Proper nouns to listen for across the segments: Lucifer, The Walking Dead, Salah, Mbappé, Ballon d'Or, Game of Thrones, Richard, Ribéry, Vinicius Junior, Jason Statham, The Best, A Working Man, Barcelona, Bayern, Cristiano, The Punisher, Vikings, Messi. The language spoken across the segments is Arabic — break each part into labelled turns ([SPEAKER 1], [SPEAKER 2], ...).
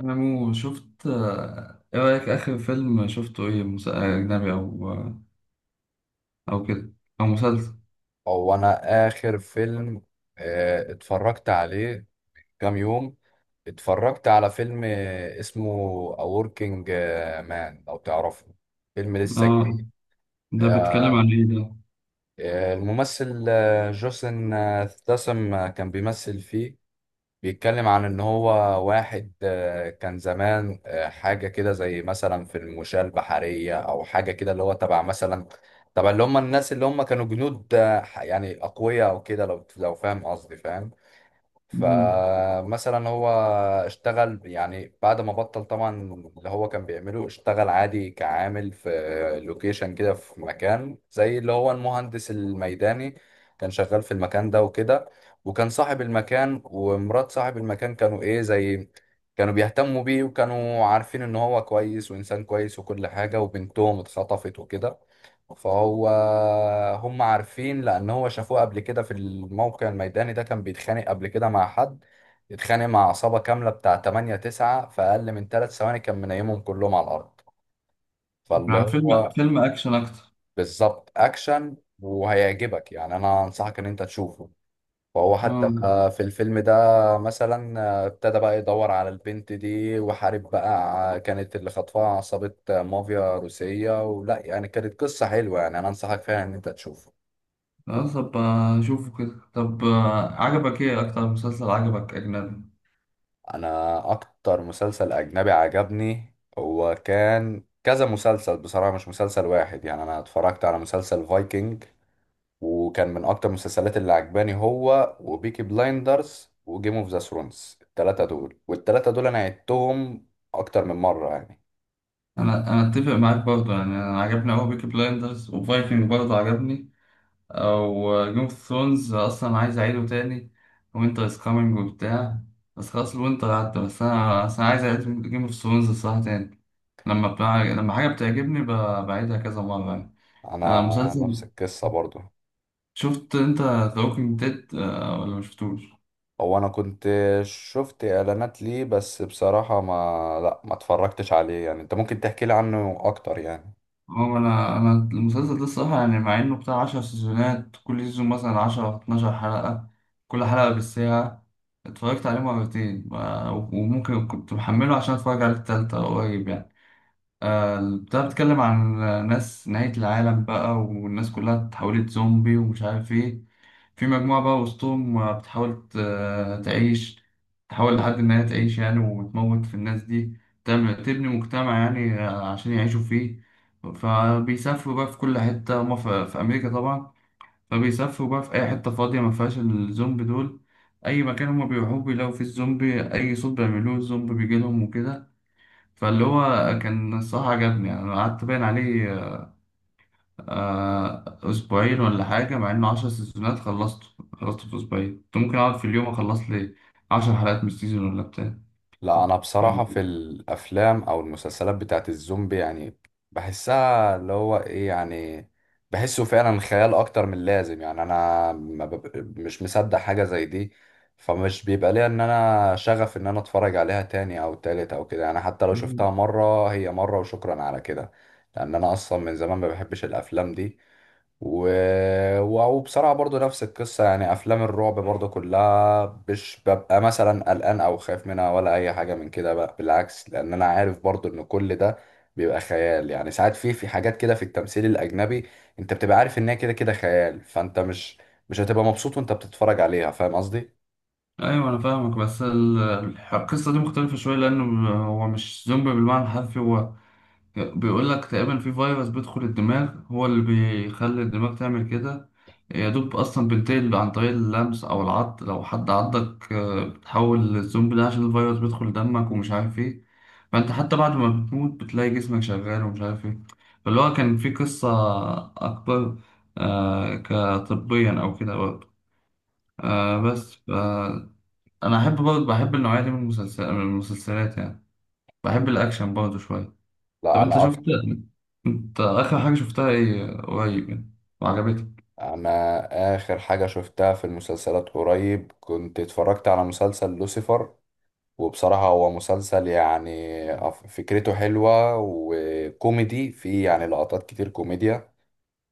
[SPEAKER 1] انا مو شفت ايه رايك اخر فيلم شفته ايه اجنبي، او كده، او مسلسل.
[SPEAKER 2] هو انا اخر فيلم اتفرجت عليه كام يوم. اتفرجت على فيلم اسمه A Working Man لو تعرفه، فيلم لسه
[SPEAKER 1] اه،
[SPEAKER 2] جديد.
[SPEAKER 1] ده بيتكلم عن
[SPEAKER 2] آه،
[SPEAKER 1] ايه ده؟
[SPEAKER 2] الممثل جوسن ستاثام كان بيمثل فيه. بيتكلم عن ان هو واحد كان زمان حاجه كده زي مثلا في المشاة البحريه او حاجه كده، اللي هو تبع مثلا تبع اللي هم الناس اللي هم كانوا جنود، يعني اقوياء او كده، لو فاهم قصدي فاهم.
[SPEAKER 1] مم.
[SPEAKER 2] فمثلا هو اشتغل يعني بعد ما بطل طبعا اللي هو كان بيعمله، اشتغل عادي كعامل في لوكيشن كده، في مكان زي اللي هو المهندس الميداني. كان شغال في المكان ده وكده، وكان صاحب المكان ومرات صاحب المكان كانوا ايه، زي كانوا بيهتموا بيه وكانوا عارفين ان هو كويس وانسان كويس وكل حاجة. وبنتهم اتخطفت وكده، فهو هم عارفين لان هو شافوه قبل كده في الموقع الميداني ده كان بيتخانق قبل كده مع حد. اتخانق مع عصابة كاملة بتاع 8 9 في اقل من 3 ثواني كان منيمهم كلهم على الارض. فاللي
[SPEAKER 1] عن فيلم
[SPEAKER 2] هو
[SPEAKER 1] فيلم اكشن اكتر.
[SPEAKER 2] بالظبط اكشن وهيعجبك، يعني انا انصحك ان انت تشوفه. فهو حتى
[SPEAKER 1] اه،
[SPEAKER 2] في الفيلم ده مثلا ابتدى بقى يدور على البنت دي وحارب بقى، كانت اللي خطفها عصابة مافيا روسية ولا يعني. كانت قصة حلوة، يعني انا انصحك فعلا ان انت تشوفه.
[SPEAKER 1] طب اشوفه كده. طب عجبك ايه اكتر مسلسل عجبك اجنبي؟
[SPEAKER 2] انا اكتر مسلسل اجنبي عجبني هو كان كذا مسلسل بصراحة، مش مسلسل واحد. يعني انا اتفرجت على مسلسل فايكنج وكان من اكتر المسلسلات اللي عجباني، هو وبيكي بلايندرز وجيم اوف ذا ثرونز. التلاتة دول والتلاتة دول انا عدتهم اكتر من مرة يعني.
[SPEAKER 1] انا اتفق معاك برضه، يعني انا عجبني قوي بيكي بلايندرز، وفايكنج برضه عجبني، او جيم اوف ثرونز اصلا عايز اعيده تاني، وينتر از كامينج وبتاع. بس خلاص الوينتر عدى، بس انا عايز اعيد جيم اوف ثرونز الصراحه تاني. لما حاجه بتعجبني بعيدها كذا مره يعني.
[SPEAKER 2] انا
[SPEAKER 1] مسلسل،
[SPEAKER 2] نفس القصة برضو.
[SPEAKER 1] شفت انت ذا ووكينج ديد ولا ما شفتوش؟
[SPEAKER 2] هو انا كنت شفت اعلانات ليه بس بصراحة ما لا ما اتفرجتش عليه يعني. انت ممكن تحكي لي عنه اكتر يعني.
[SPEAKER 1] هو انا المسلسل ده الصراحه، يعني مع انه بتاع 10 سيزونات، كل سيزون مثلا 10 12 حلقه، كل حلقه بالساعه. اتفرجت عليه مرتين، وممكن كنت محمله عشان اتفرج عليه التالتة قريب يعني. بتاع، بتتكلم عن ناس نهاية العالم بقى، والناس كلها اتحولت زومبي، ومش عارف ايه. في مجموعة بقى وسطهم بتحاول تعيش، تحاول لحد إن هي تعيش يعني، وتموت في الناس دي، تعمل تبني مجتمع يعني عشان يعيشوا فيه. فبيسافروا بقى في كل حتة، هما في أمريكا طبعا، فبيسافروا بقى في أي حتة فاضية ما فيهاش الزومبي دول. أي مكان هما بيروحوه بيلاقوا فيه الزومبي، أي صوت بيعملوه الزومبي بيجيلهم وكده. فاللي هو كان الصراحة عجبني يعني. أنا قعدت باين عليه أسبوعين ولا حاجة، مع إنه عشر سيزونات خلصته. خلصته في أسبوعين، كنت ممكن أقعد في اليوم أخلص لي عشر حلقات من السيزون ولا بتاع.
[SPEAKER 2] لا
[SPEAKER 1] كنت
[SPEAKER 2] انا بصراحة في
[SPEAKER 1] يعني-
[SPEAKER 2] الافلام او المسلسلات بتاعت الزومبي يعني بحسها اللي هو ايه يعني، بحسه فعلا خيال اكتر من اللازم. يعني انا ما بب- مش مصدق حاجة زي دي. فمش بيبقى ليا ان انا شغف ان انا اتفرج عليها تاني او تالت او كده، يعني حتى لو
[SPEAKER 1] مم.
[SPEAKER 2] شفتها مرة هي مرة وشكرا على كده. لان انا اصلا من زمان ما بحبش الافلام دي. و... و- وبصراحة برضو نفس القصة يعني. أفلام الرعب برضو كلها مش ببقى مثلا قلقان أو خايف منها ولا أي حاجة من كده بقى، بالعكس، لأن أنا عارف برضو إن كل ده بيبقى خيال. يعني ساعات في حاجات كده في التمثيل الأجنبي أنت بتبقى عارف إن هي كده كده خيال، فأنت مش هتبقى مبسوط وأنت بتتفرج عليها، فاهم قصدي؟
[SPEAKER 1] أيوة، أنا فاهمك، بس القصة دي مختلفة شوية، لأنه هو مش زومبي بالمعنى الحرفي. هو بيقول لك تقريبا في فيروس بيدخل الدماغ، هو اللي بيخلي الدماغ تعمل كده. يا دوب اصلا بينتقل عن طريق اللمس او العض، لو حد عضك بتحول للزومبي ده عشان الفيروس بيدخل دمك، ومش عارف ايه. فانت حتى بعد ما بتموت بتلاقي جسمك شغال، ومش عارف ايه. فاللي هو كان في قصة اكبر كطبيا او كده برضه. آه بس ف- انا احب برضه، بحب النوعية دي من المسلسلات يعني، بحب الاكشن برضه شوية. طب
[SPEAKER 2] لا
[SPEAKER 1] انت
[SPEAKER 2] أنا
[SPEAKER 1] شفت،
[SPEAKER 2] أكتر.
[SPEAKER 1] انت اخر حاجه شفتها ايه قريب يعني، وعجبتك؟
[SPEAKER 2] أنا آخر حاجة شفتها في المسلسلات قريب كنت اتفرجت على مسلسل لوسيفر. وبصراحة هو مسلسل يعني فكرته حلوة وكوميدي فيه، يعني لقطات كتير كوميديا.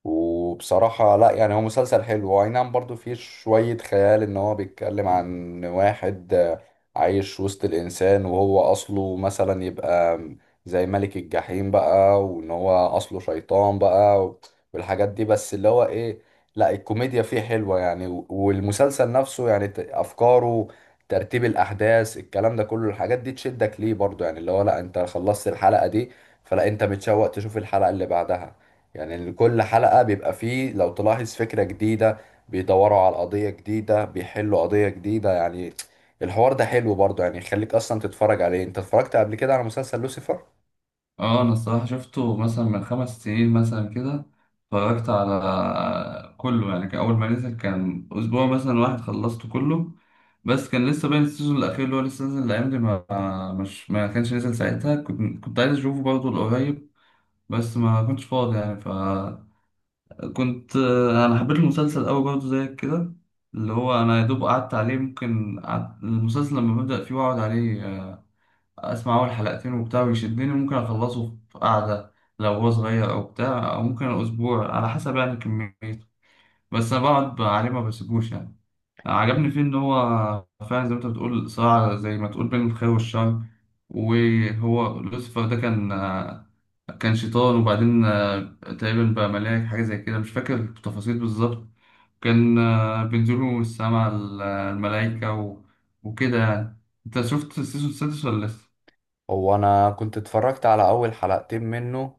[SPEAKER 2] وبصراحة لا، يعني هو مسلسل حلو، هو أي نعم برضو فيه شوية خيال إن هو بيتكلم عن واحد عايش وسط الإنسان وهو أصله مثلا يبقى زي ملك الجحيم بقى، وإن هو أصله شيطان بقى والحاجات دي، بس اللي هو إيه، لا الكوميديا فيه حلوة يعني. و- والمسلسل نفسه يعني أفكاره، ترتيب الأحداث، الكلام ده كله الحاجات دي تشدك ليه برضو، يعني اللي هو لا أنت خلصت الحلقة دي فلا أنت متشوق تشوف الحلقة اللي بعدها. يعني إن كل حلقة بيبقى فيه لو تلاحظ فكرة جديدة، بيدوروا على قضية جديدة بيحلوا قضية جديدة يعني. الحوار ده حلو برضه، يعني يخليك أصلا تتفرج عليه. أنت اتفرجت قبل كده على مسلسل لوسيفر؟
[SPEAKER 1] اه، انا الصراحه شفته مثلا من خمس سنين مثلا كده. اتفرجت على كله يعني، كان اول ما نزل كان اسبوع مثلا واحد خلصته كله. بس كان لسه باين السيزون الاخير اللي هو لسه نازل الايام دي، ما مش ما كانش نزل ساعتها، كنت عايز اشوفه برضه القريب، بس ما كنتش فاضي يعني، فكنت. انا حبيت المسلسل قوي برضه زيك كده، اللي هو انا يا دوب قعدت عليه، ممكن المسلسل لما ببدأ فيه واقعد عليه، اسمع اول حلقتين وبتاع ويشدني، ممكن اخلصه في قعده لو هو صغير او بتاع، او ممكن اسبوع على حسب يعني كميته. بس انا بقعد عليه ما بسيبوش يعني. عجبني فيه ان هو فعلا زي ما انت بتقول صراع زي ما تقول بين الخير والشر. وهو لوسيفر ده كان، كان شيطان، وبعدين تقريبا بقى ملاك، حاجه زي كده، مش فاكر التفاصيل بالظبط. كان بينزلوا من السما، الملائكه وكده يعني. انت شفت السيزون السادس ولا
[SPEAKER 2] هو أنا كنت اتفرجت على أول حلقتين منه،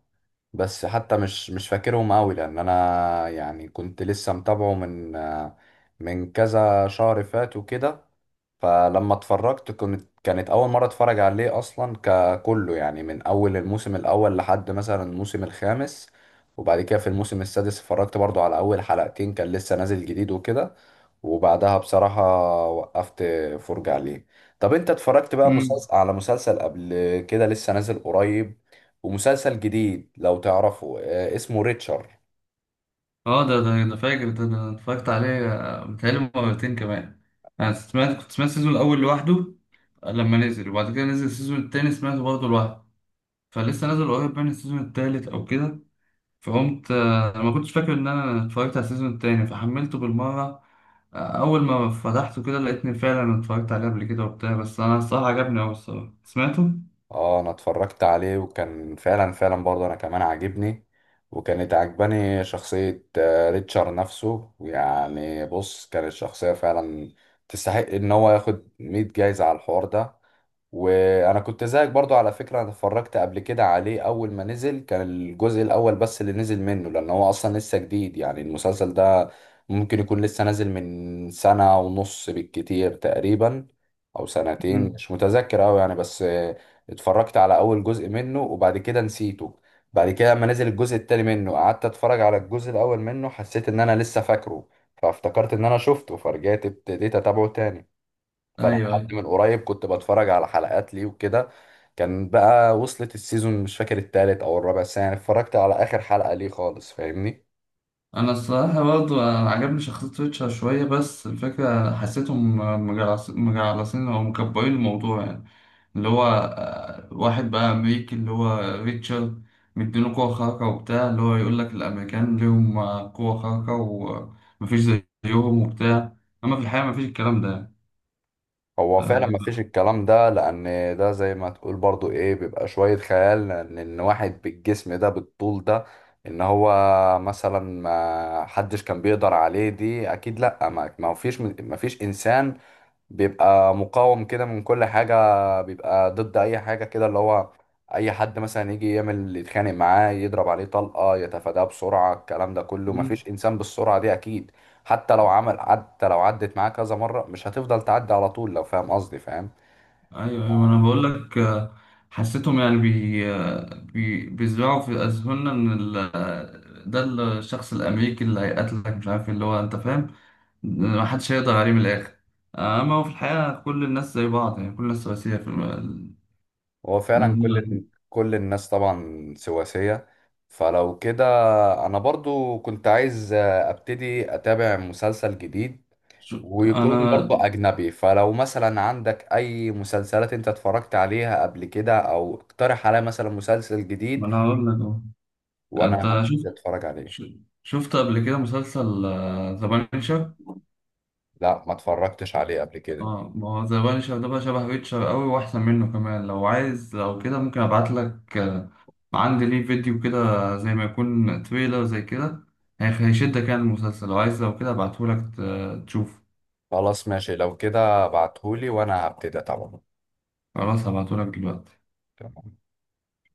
[SPEAKER 2] بس حتى مش فاكرهم أوي، لأن أنا يعني كنت لسه متابعه من كذا شهر فات وكده. فلما اتفرجت كنت، كانت اول مره اتفرج عليه اصلا ككله، يعني من اول الموسم الاول لحد مثلا الموسم الخامس. وبعد كده في الموسم السادس اتفرجت برضو على اول حلقتين، كان لسه نازل جديد وكده. وبعدها بصراحه وقفت فرجة عليه. طب انت اتفرجت بقى
[SPEAKER 1] لسه؟
[SPEAKER 2] مسلسل، على مسلسل قبل كده لسه نازل قريب ومسلسل جديد لو تعرفه، اسمه ريتشارد؟
[SPEAKER 1] اه، ده انا فاكر، ده انا اتفرجت عليه متهيألي مرتين كمان. انا سمعت، كنت سمعت السيزون الاول لوحده لما نزل، وبعد كده نزل السيزون التاني سمعته برضه لوحده. فلسه نازل قريب من السيزون التالت او كده، فقمت انا ما كنتش فاكر ان انا اتفرجت على السيزون التاني فحملته بالمره. اول ما فتحته كده لقيتني فعلا اتفرجت عليه قبل كده وبتاع، بس انا الصراحه عجبني اوي الصراحه، سمعته؟
[SPEAKER 2] اه انا اتفرجت عليه وكان فعلا فعلا برضه انا كمان عاجبني. وكانت عجباني شخصية ريتشارد نفسه. يعني بص، كانت شخصية فعلا تستحق ان هو ياخد 100 جايزة على الحوار ده. وانا كنت زيك برضو على فكرة، انا اتفرجت قبل كده عليه اول ما نزل، كان الجزء الاول بس اللي نزل منه لان هو اصلا لسه جديد يعني المسلسل ده. ممكن يكون لسه نازل من سنة ونص بالكتير تقريبا، او سنتين
[SPEAKER 1] مم.
[SPEAKER 2] مش متذكر اوي يعني. بس اتفرجت على اول جزء منه وبعد كده نسيته. بعد كده لما نزل الجزء التاني منه قعدت اتفرج على الجزء الاول منه، حسيت ان انا لسه فاكره. فافتكرت ان انا شفته، فرجعت ابتديت اتابعه تاني. فانا
[SPEAKER 1] ايوه
[SPEAKER 2] لحد
[SPEAKER 1] ايوه
[SPEAKER 2] من قريب كنت بتفرج على حلقات ليه وكده. كان بقى وصلت السيزون مش فاكر التالت او الرابع، بس يعني اتفرجت على اخر حلقة ليه خالص، فاهمني؟
[SPEAKER 1] انا الصراحه برضه عجبني شخصيه ريتشارد شويه، بس الفكره حسيتهم مجعلصين او مكبرين الموضوع يعني. اللي هو واحد بقى امريكي اللي هو ريتشارد، مديله قوه خارقه وبتاع، اللي هو يقول لك الامريكان ليهم قوه خارقه ومفيش زيهم وبتاع، اما في الحقيقه مفيش الكلام ده يعني.
[SPEAKER 2] هو فعلا ما فيش الكلام ده، لان ده زي ما تقول برضو ايه، بيبقى شوية خيال. لان ان واحد بالجسم ده بالطول ده ان هو مثلا ما حدش كان بيقدر عليه، دي اكيد لا. ما فيش انسان بيبقى مقاوم كده من كل حاجة، بيبقى ضد أي حاجة كده، اللي هو أي حد مثلا يجي يعمل يتخانق معاه يضرب عليه طلقة يتفاداه بسرعة، الكلام ده كله مفيش
[SPEAKER 1] آه،
[SPEAKER 2] إنسان بالسرعة دي أكيد. حتى لو عدت معاه كذا مرة مش هتفضل تعدي على طول، لو فاهم قصدي فاهم.
[SPEAKER 1] ايوه، ايوه، انا بقول لك حسيتهم يعني بي آه، بي بيزرعوا في اذهاننا ان ده الشخص الامريكي اللي هيقتلك مش عارف إيه، اللي هو انت فاهم، ما حدش هيقدر عليه من الاخر. اما هو في الحقيقه كل الناس زي بعض يعني، كل الناس سواسيه في
[SPEAKER 2] هو فعلا كل
[SPEAKER 1] الم-
[SPEAKER 2] كل الناس طبعا سواسية. فلو كده أنا برضو كنت عايز أبتدي أتابع مسلسل جديد،
[SPEAKER 1] انا،
[SPEAKER 2] ويكون برضه أجنبي. فلو مثلا عندك أي مسلسلات أنت اتفرجت عليها قبل كده، أو اقترح عليا مثلا مسلسل جديد
[SPEAKER 1] ما انا هقول لك اهو. انت
[SPEAKER 2] وأنا
[SPEAKER 1] شفت،
[SPEAKER 2] هبتدي أتفرج عليه.
[SPEAKER 1] شفت قبل كده مسلسل ذا بانشر؟
[SPEAKER 2] لا ما اتفرجتش عليه قبل كده.
[SPEAKER 1] اه، ما هو ذا بانشر ده بقى شبه ريتشر قوي، واحسن منه كمان. لو عايز لو كده ممكن ابعت لك عندي ليه فيديو كده زي ما يكون تريلر زي كده، هيشدك يعني المسلسل. لو عايز لو كده ابعته لك تشوف.
[SPEAKER 2] خلاص ماشي، لو كده ابعتهولي وأنا هبتدي طبعا.
[SPEAKER 1] خلاص، هبعته لك دلوقتي.
[SPEAKER 2] تمام.